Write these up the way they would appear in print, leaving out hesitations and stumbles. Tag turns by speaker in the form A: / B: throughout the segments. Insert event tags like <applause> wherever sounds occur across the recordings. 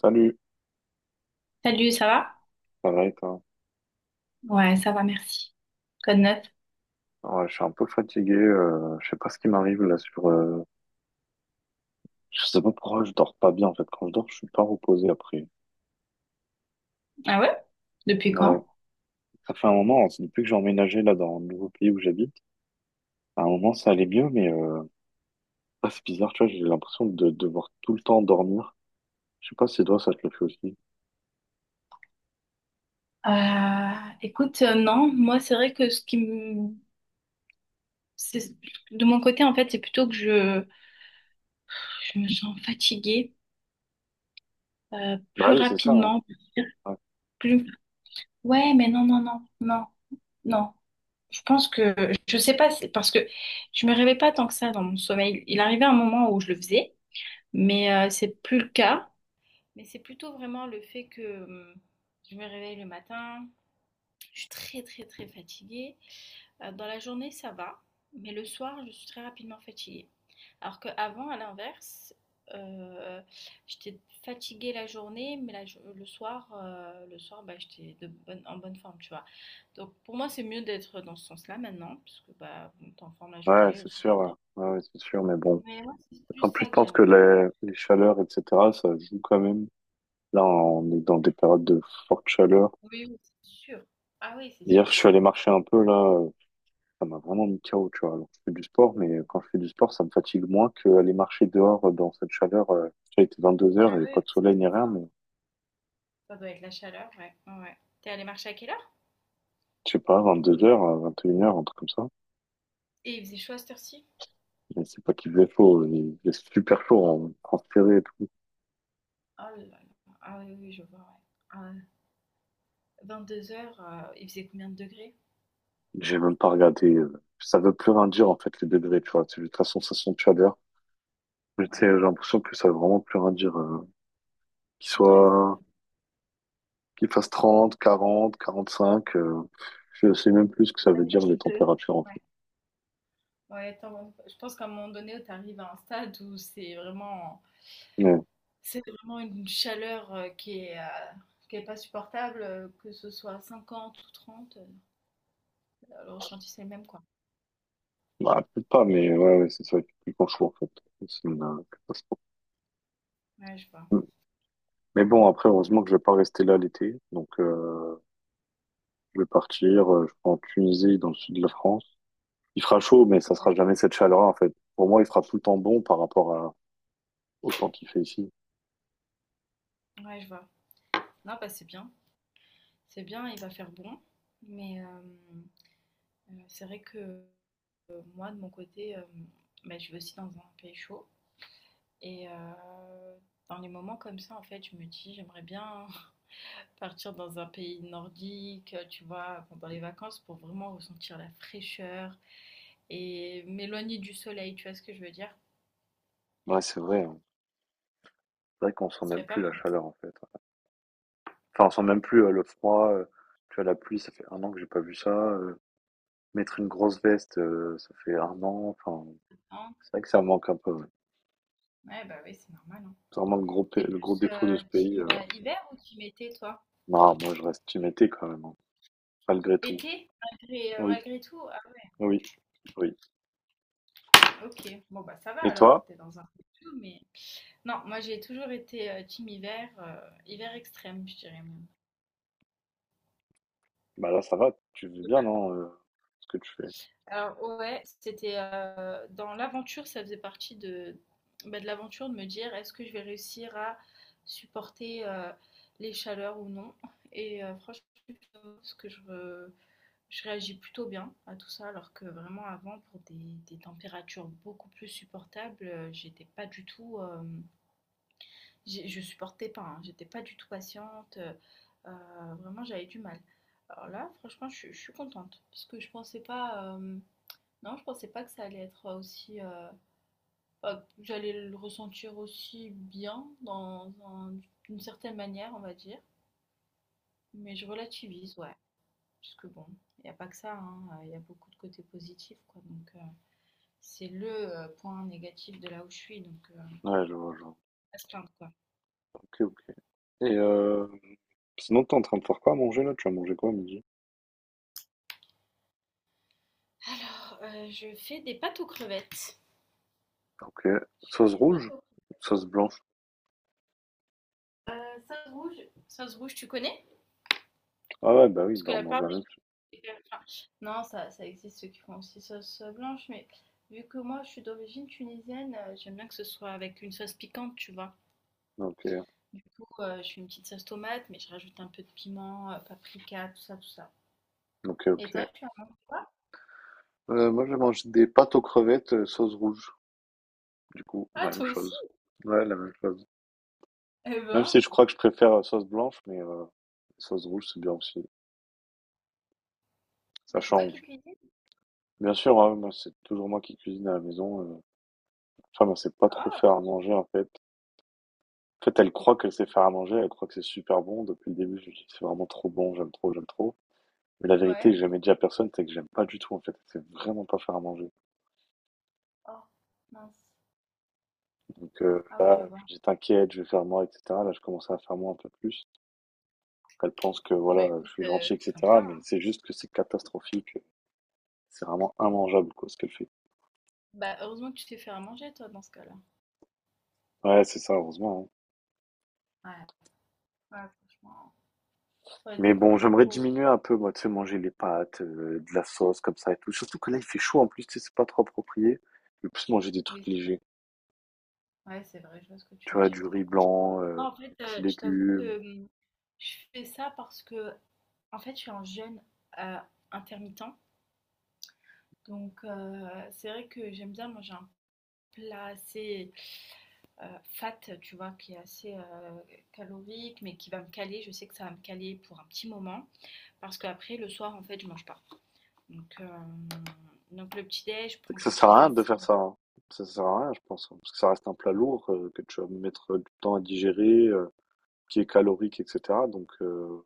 A: Salut,
B: Salut, ça va?
A: ça va et toi?
B: Ouais, ça va, merci. Code 9.
A: Ouais, je suis un peu fatigué, je sais pas ce qui m'arrive là sur. Je sais pas pourquoi je dors pas bien en fait, quand je dors je suis pas reposé après.
B: Ah ouais? Depuis
A: Ouais,
B: quand?
A: ça fait un moment, hein, c'est depuis que j'ai emménagé là dans le nouveau pays où j'habite, à un moment ça allait mieux mais ah, c'est bizarre, tu vois, j'ai l'impression de devoir tout le temps dormir. Je sais pas si toi ça te le fait aussi.
B: Euh, écoute, non, moi c'est vrai que ce qui me... c'est- De mon côté, en fait, c'est plutôt que je me sens fatiguée
A: Bah
B: plus
A: oui, c'est ça, hein.
B: rapidement.
A: Ouais,
B: Plus... Ouais, mais non, non, non, non, non. Je pense que... Je sais pas, c'est parce que je me réveille pas tant que ça dans mon sommeil. Il arrivait un moment où je le faisais, mais c'est plus le cas. Mais c'est plutôt vraiment le fait que... Je me réveille le matin, je suis très très très fatiguée. Dans la journée, ça va, mais le soir, je suis très rapidement fatiguée. Alors qu'avant, à l'inverse, euh, j'étais fatiguée la journée, mais la le soir, bah, j'étais en bonne forme, tu vois. Donc pour moi, c'est mieux d'être dans ce sens-là maintenant, parce que bah, bon, t'es en forme la
A: ouais,
B: journée, le
A: c'est
B: soir,
A: sûr,
B: faut dormir.
A: hein. Ouais, ouais, c'est sûr, mais bon.
B: Mais moi, c'est plus
A: En plus,
B: ça
A: je
B: que j'ai
A: pense que
B: remarqué.
A: les chaleurs, etc., ça joue quand même. Là, on est dans des périodes de forte chaleur.
B: Oui, oui, c'est sûr. Ah oui, c'est
A: Hier, je
B: sûr.
A: suis allé marcher un peu là, ça m'a vraiment mis KO, tu vois. Alors, je fais du sport, mais quand je fais du sport, ça me fatigue moins qu'aller marcher dehors dans cette chaleur. Tu vois, il était 22 heures
B: Ah
A: et
B: oui,
A: pas
B: bah,
A: de
B: ça
A: soleil
B: doit
A: ni
B: être ça,
A: rien,
B: hein.
A: mais
B: Ça doit être la chaleur, ouais. Ouais, ouais. T'es allé marcher à quelle heure?
A: je sais pas, 22 heures, 21 heures, un truc comme ça.
B: Et il faisait chaud à cette heure-ci?
A: Mais c'est pas qu'il faisait chaud, il faisait super chaud, en transpirait et tout.
B: Oh là là. Ah oui, oui, je vois, ouais. Ah 2 heures il faisait combien de degrés?
A: J'ai même pas regardé, ça veut plus rien dire en fait les degrés, tu vois. C'est juste la sensation de chaleur. Mais tu sais,
B: Ouais.
A: j'ai l'impression que ça veut vraiment plus rien dire, qu'il
B: Ouais, c'est
A: soit
B: vrai.
A: qu'il fasse 30, 40, 45. Je sais même plus ce que ça
B: Il
A: veut
B: y a
A: dire
B: plus
A: les
B: de...
A: températures en fait.
B: ouais. Ouais, attends, je pense qu'à un moment donné, tu arrives à un stade où c'est vraiment
A: Ouais.
B: c'est vraiment une chaleur, qui est pas supportable, que ce soit 50 ou 30, le ressenti, c'est le même, quoi.
A: Bah, peut-être pas, mais ouais, ouais, c'est ça qui est chaud en fait. C'est une catastrophe.
B: Ouais, je vois.
A: Mm. Mais bon, après, heureusement que je vais pas rester là l'été. Donc, je vais partir, je vais en Tunisie, dans le sud de la France. Il fera chaud, mais ça sera jamais cette chaleur en fait. Pour moi, il fera tout le temps bon par rapport à, au temps qu'il fait ici.
B: Ouais, je vois. Non, bah, c'est bien. C'est bien, il va faire bon, mais c'est vrai que, moi, de mon côté, bah, je vis aussi dans un pays chaud. Et dans les moments comme ça, en fait, je me dis, j'aimerais bien <laughs> partir dans un pays nordique, tu vois, pendant les vacances pour vraiment ressentir la fraîcheur et m'éloigner du soleil, tu vois ce que je veux dire?
A: Ouais, c'est vrai, hein. C'est vrai qu'on sent
B: Ce
A: même
B: serait pas
A: plus la
B: mal,
A: chaleur en fait. Enfin, on sent même plus le froid. Tu vois, la pluie, ça fait un an que j'ai pas vu ça. Mettre une grosse veste, ça fait 1 an, enfin,
B: hein.
A: c'est vrai que ça manque un peu, ouais.
B: Ouais, bah oui, c'est normal, hein.
A: C'est vraiment le gros p
B: T'es
A: le gros
B: plus
A: défaut de ce pays,
B: team hiver ou team été, toi?
A: non, moi je reste team été quand même, hein, malgré tout.
B: Été, malgré, euh,
A: Oui,
B: malgré tout? Ah,
A: oui, oui.
B: ouais, ok, bon, bah ça va
A: Et
B: alors,
A: toi?
B: t'es dans un peu tout, mais... Non, moi j'ai toujours été team hiver, hiver extrême, je dirais.
A: Bah, là, ça va, tu vis bien, non, ce que tu fais?
B: Alors ouais, c'était dans l'aventure, ça faisait bah, de l'aventure de me dire est-ce que je vais réussir à supporter les chaleurs ou non. Et franchement, parce que je réagis plutôt bien à tout ça, alors que vraiment avant, pour des températures beaucoup plus supportables, j'étais pas du tout, je supportais pas, hein, j'étais pas du tout patiente, vraiment j'avais du mal. Alors là, franchement, je suis contente, parce que je pensais pas, non, je pensais pas que ça allait être aussi. Bah, que j'allais le ressentir aussi bien, d'une certaine manière, on va dire. Mais je relativise, ouais. Parce que bon, il n'y a pas que ça, hein, il y a beaucoup de côtés positifs, quoi. Donc, c'est le point négatif de là où je suis, donc
A: Ouais, je vois, je vois.
B: à se plaindre, quoi.
A: OK, OK. Et sinon, t'es en train de faire quoi à manger, là? Tu vas manger quoi à midi?
B: Alors, je fais des pâtes aux crevettes.
A: OK.
B: Je fais
A: Sauce
B: des pâtes
A: rouge?
B: aux crevettes.
A: Sauce blanche?
B: Euh, Sauce rouge, sauce rouge, tu connais?
A: Ah ouais, bah oui,
B: Parce
A: bah,
B: que
A: on
B: la
A: mange
B: part
A: la même chose.
B: Enfin, non, ça existe ceux qui font aussi sauce blanche, mais vu que moi je suis d'origine tunisienne, j'aime bien que ce soit avec une sauce piquante, tu vois.
A: OK,
B: Du coup, je fais une petite sauce tomate, mais je rajoute un peu de piment, paprika, tout ça, tout ça.
A: OK,
B: Et toi,
A: OK.
B: tu en manges quoi?
A: Moi, je vais manger des pâtes aux crevettes, sauce rouge. Du coup,
B: Ah,
A: la même
B: toi aussi?
A: chose. Ouais, la même chose.
B: Eh
A: Même
B: ben,
A: si je crois que je préfère la sauce blanche, mais la sauce rouge, c'est bien aussi. Ça
B: et c'est toi qui
A: change.
B: cuisines?
A: Bien sûr, hein, moi, c'est toujours moi qui cuisine à la maison. Enfin, elle sait pas trop
B: Ah,
A: faire à manger, en fait. En fait, elle croit qu'elle sait faire à manger, elle croit que c'est super bon. Depuis le début, je lui dis, c'est vraiment trop bon, j'aime trop, j'aime trop. Mais la vérité que
B: ouais.
A: j'ai jamais dit à personne, c'est que j'aime pas du tout, en fait. Elle sait vraiment pas faire à manger.
B: Oh, mince.
A: Donc
B: Ah oui, je
A: là, je
B: vois.
A: lui dis, t'inquiète, je vais faire moi, etc. Là, je commence à faire moi un peu plus. Elle pense que,
B: Bah
A: voilà, je
B: écoute,
A: suis gentil,
B: c'est comme
A: etc.
B: ça,
A: Mais
B: hein.
A: c'est juste que c'est catastrophique. C'est vraiment immangeable, quoi, ce qu'elle fait.
B: Bah heureusement que tu sais faire à manger, toi, dans ce cas-là.
A: Ouais, c'est ça, heureusement, hein.
B: Ouais, ouais, franchement, ça aurait
A: Mais
B: été
A: bon,
B: compliqué
A: j'aimerais
B: pour vous.
A: diminuer un peu, moi, tu sais, manger les pâtes, de la sauce, comme ça et tout. Surtout que là, il fait chaud en plus, tu sais, c'est pas trop approprié. Je vais plus manger des
B: Oui,
A: trucs
B: c'est vrai.
A: légers.
B: Ouais, c'est vrai, je vois ce que
A: Tu
B: tu veux
A: vois, du
B: dire.
A: riz blanc,
B: Moi, en fait,
A: des petits
B: je t'avoue
A: légumes.
B: que je fais ça parce que, en fait, je suis un jeûne euh, intermittent. Donc, c'est vrai que j'aime bien manger un plat assez fat, tu vois, qui est assez calorique, mais qui va me caler. Je sais que ça va me caler pour un petit moment. Parce qu'après, le soir, en fait, je mange pas. Donc, donc le petit-déj, je
A: Fait
B: prends
A: que ça
B: quelque
A: sert
B: chose
A: à rien de
B: d'assez...
A: faire ça, hein. Ça sert à rien, je pense, hein. Parce que ça reste un plat lourd, que tu vas mettre du temps à digérer, qui est calorique, etc. Donc,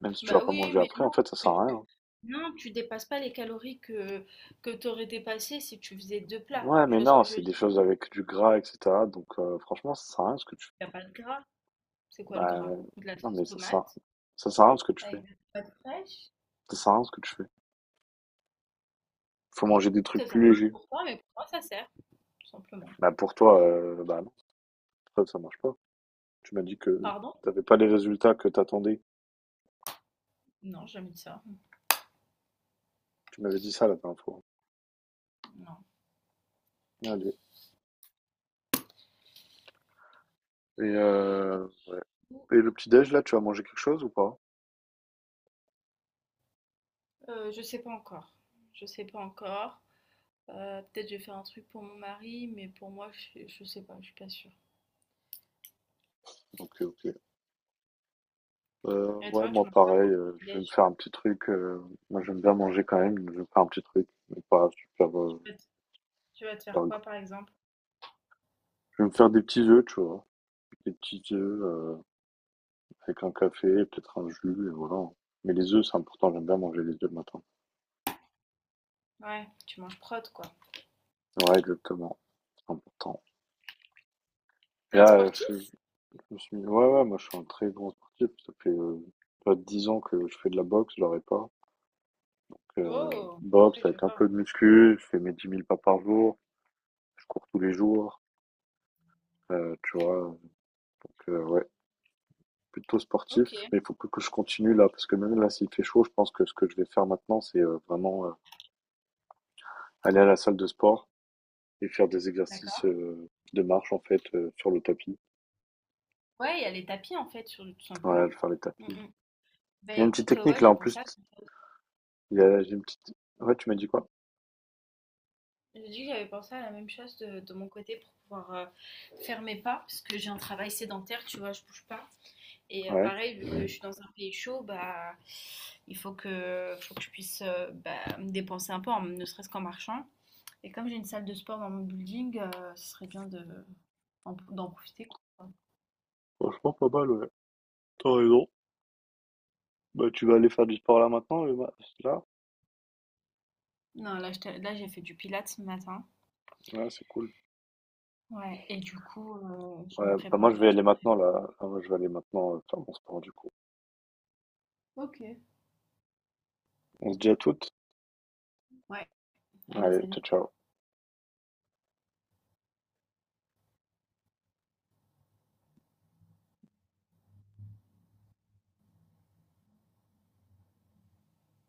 A: même si tu vas
B: Bah
A: pas
B: oui,
A: manger
B: mais
A: après, en
B: non,
A: fait, ça
B: parce que
A: sert à rien,
B: tu...
A: hein.
B: Non, tu dépasses pas les calories que tu aurais dépassé si tu faisais deux plats.
A: Ouais,
B: Tu
A: mais
B: vois ce
A: non,
B: que je veux
A: c'est des
B: dire?
A: choses avec du gras, etc. Donc, franchement, ça sert à rien ce que tu
B: Il n'y a pas de gras. C'est quoi le
A: Bah.
B: gras? De la
A: Non,
B: sauce
A: mais ça sert,
B: tomate
A: ça sert à rien ce que tu
B: avec
A: fais.
B: des tomates fraîches.
A: Ça sert à rien ce que tu fais. Faut manger des trucs
B: Ça sert
A: plus
B: à rien
A: légers.
B: pour toi, mais pour moi, ça sert, tout simplement.
A: Bah, pour toi, bah non, ça marche pas. Tu m'as dit que
B: Pardon.
A: t'avais pas les résultats que t'attendais.
B: Non, j'ai jamais dit ça.
A: Tu m'avais dit ça la dernière fois.
B: Non.
A: Allez. Et, euh, et le petit-déj, là, tu vas manger quelque chose ou pas?
B: Je sais pas encore. Je sais pas encore. Peut-être je vais faire un truc pour mon mari, mais pour moi, je sais pas, je suis pas sûre.
A: Ok, ok.
B: Et
A: Ouais,
B: toi, tu
A: moi,
B: manges pas pour
A: pareil,
B: le
A: je vais me
B: petit-déj?
A: faire un petit truc. Moi, j'aime bien manger quand même. Je vais me faire un petit truc. Mais pas super,
B: tu, vas te- Tu vas te faire
A: super
B: quoi,
A: gros.
B: par exemple?
A: Je vais me faire des petits œufs, tu vois. Des petits œufs. Avec un café, peut-être un jus, et voilà. Mais les œufs, c'est important, j'aime bien manger les œufs le matin.
B: Ouais, tu manges prod, quoi.
A: Ouais, exactement, c'est important. Et
B: T'es un
A: là,
B: sportif?
A: je me suis mis, ouais, ouais, moi je suis un très grand sportif, ça fait pas 10 ans que je fais de la boxe, je l'aurais pas. Donc,
B: Oh, ah
A: boxe
B: oui, je
A: avec un
B: vois.
A: peu de muscu, je fais mes 10 000 pas par jour, je cours tous les jours, tu vois. Donc, ouais, plutôt sportif,
B: Ok,
A: mais il faut que je continue là, parce que même là, s'il fait chaud, je pense que ce que je vais faire maintenant, c'est vraiment aller à la salle de sport et faire des exercices
B: d'accord.
A: de marche en fait sur le tapis.
B: Ouais, il y a les tapis, en fait, sur, tout simplement.
A: Ouais, faire les
B: Mm,
A: tapis.
B: mm. Bah
A: Il y a une petite
B: écoute,
A: technique
B: ouais,
A: là
B: j'ai
A: en
B: pensé
A: plus.
B: à...
A: Il y a j'ai une petite. Ouais, tu m'as dit quoi?
B: j'ai dit que j'avais pensé à la même chose de mon côté pour pouvoir, faire mes pas, parce que j'ai un travail sédentaire, tu vois, je bouge pas et
A: Ouais.
B: pareil, vu que je, ouais, suis dans un pays chaud, bah, il faut que je puisse, bah, me dépenser un peu, en ne serait-ce qu'en marchant et comme j'ai une salle de sport dans mon building, ce serait bien de d'en profiter, quoi.
A: Franchement, pas mal, ouais. T'as raison. Bah, tu vas aller faire du sport là maintenant, là?
B: Non, là, j'ai fait du pilates ce matin,
A: Ouais, c'est cool.
B: ouais et du coup, je me
A: Ouais, bah moi
B: prépare,
A: je vais
B: là, je
A: aller
B: me
A: maintenant
B: prépare.
A: là. Ah, moi je vais aller maintenant faire mon sport du coup.
B: OK.
A: On se dit à toutes.
B: Ouais, allez,
A: Allez, ciao,
B: salut.
A: ciao.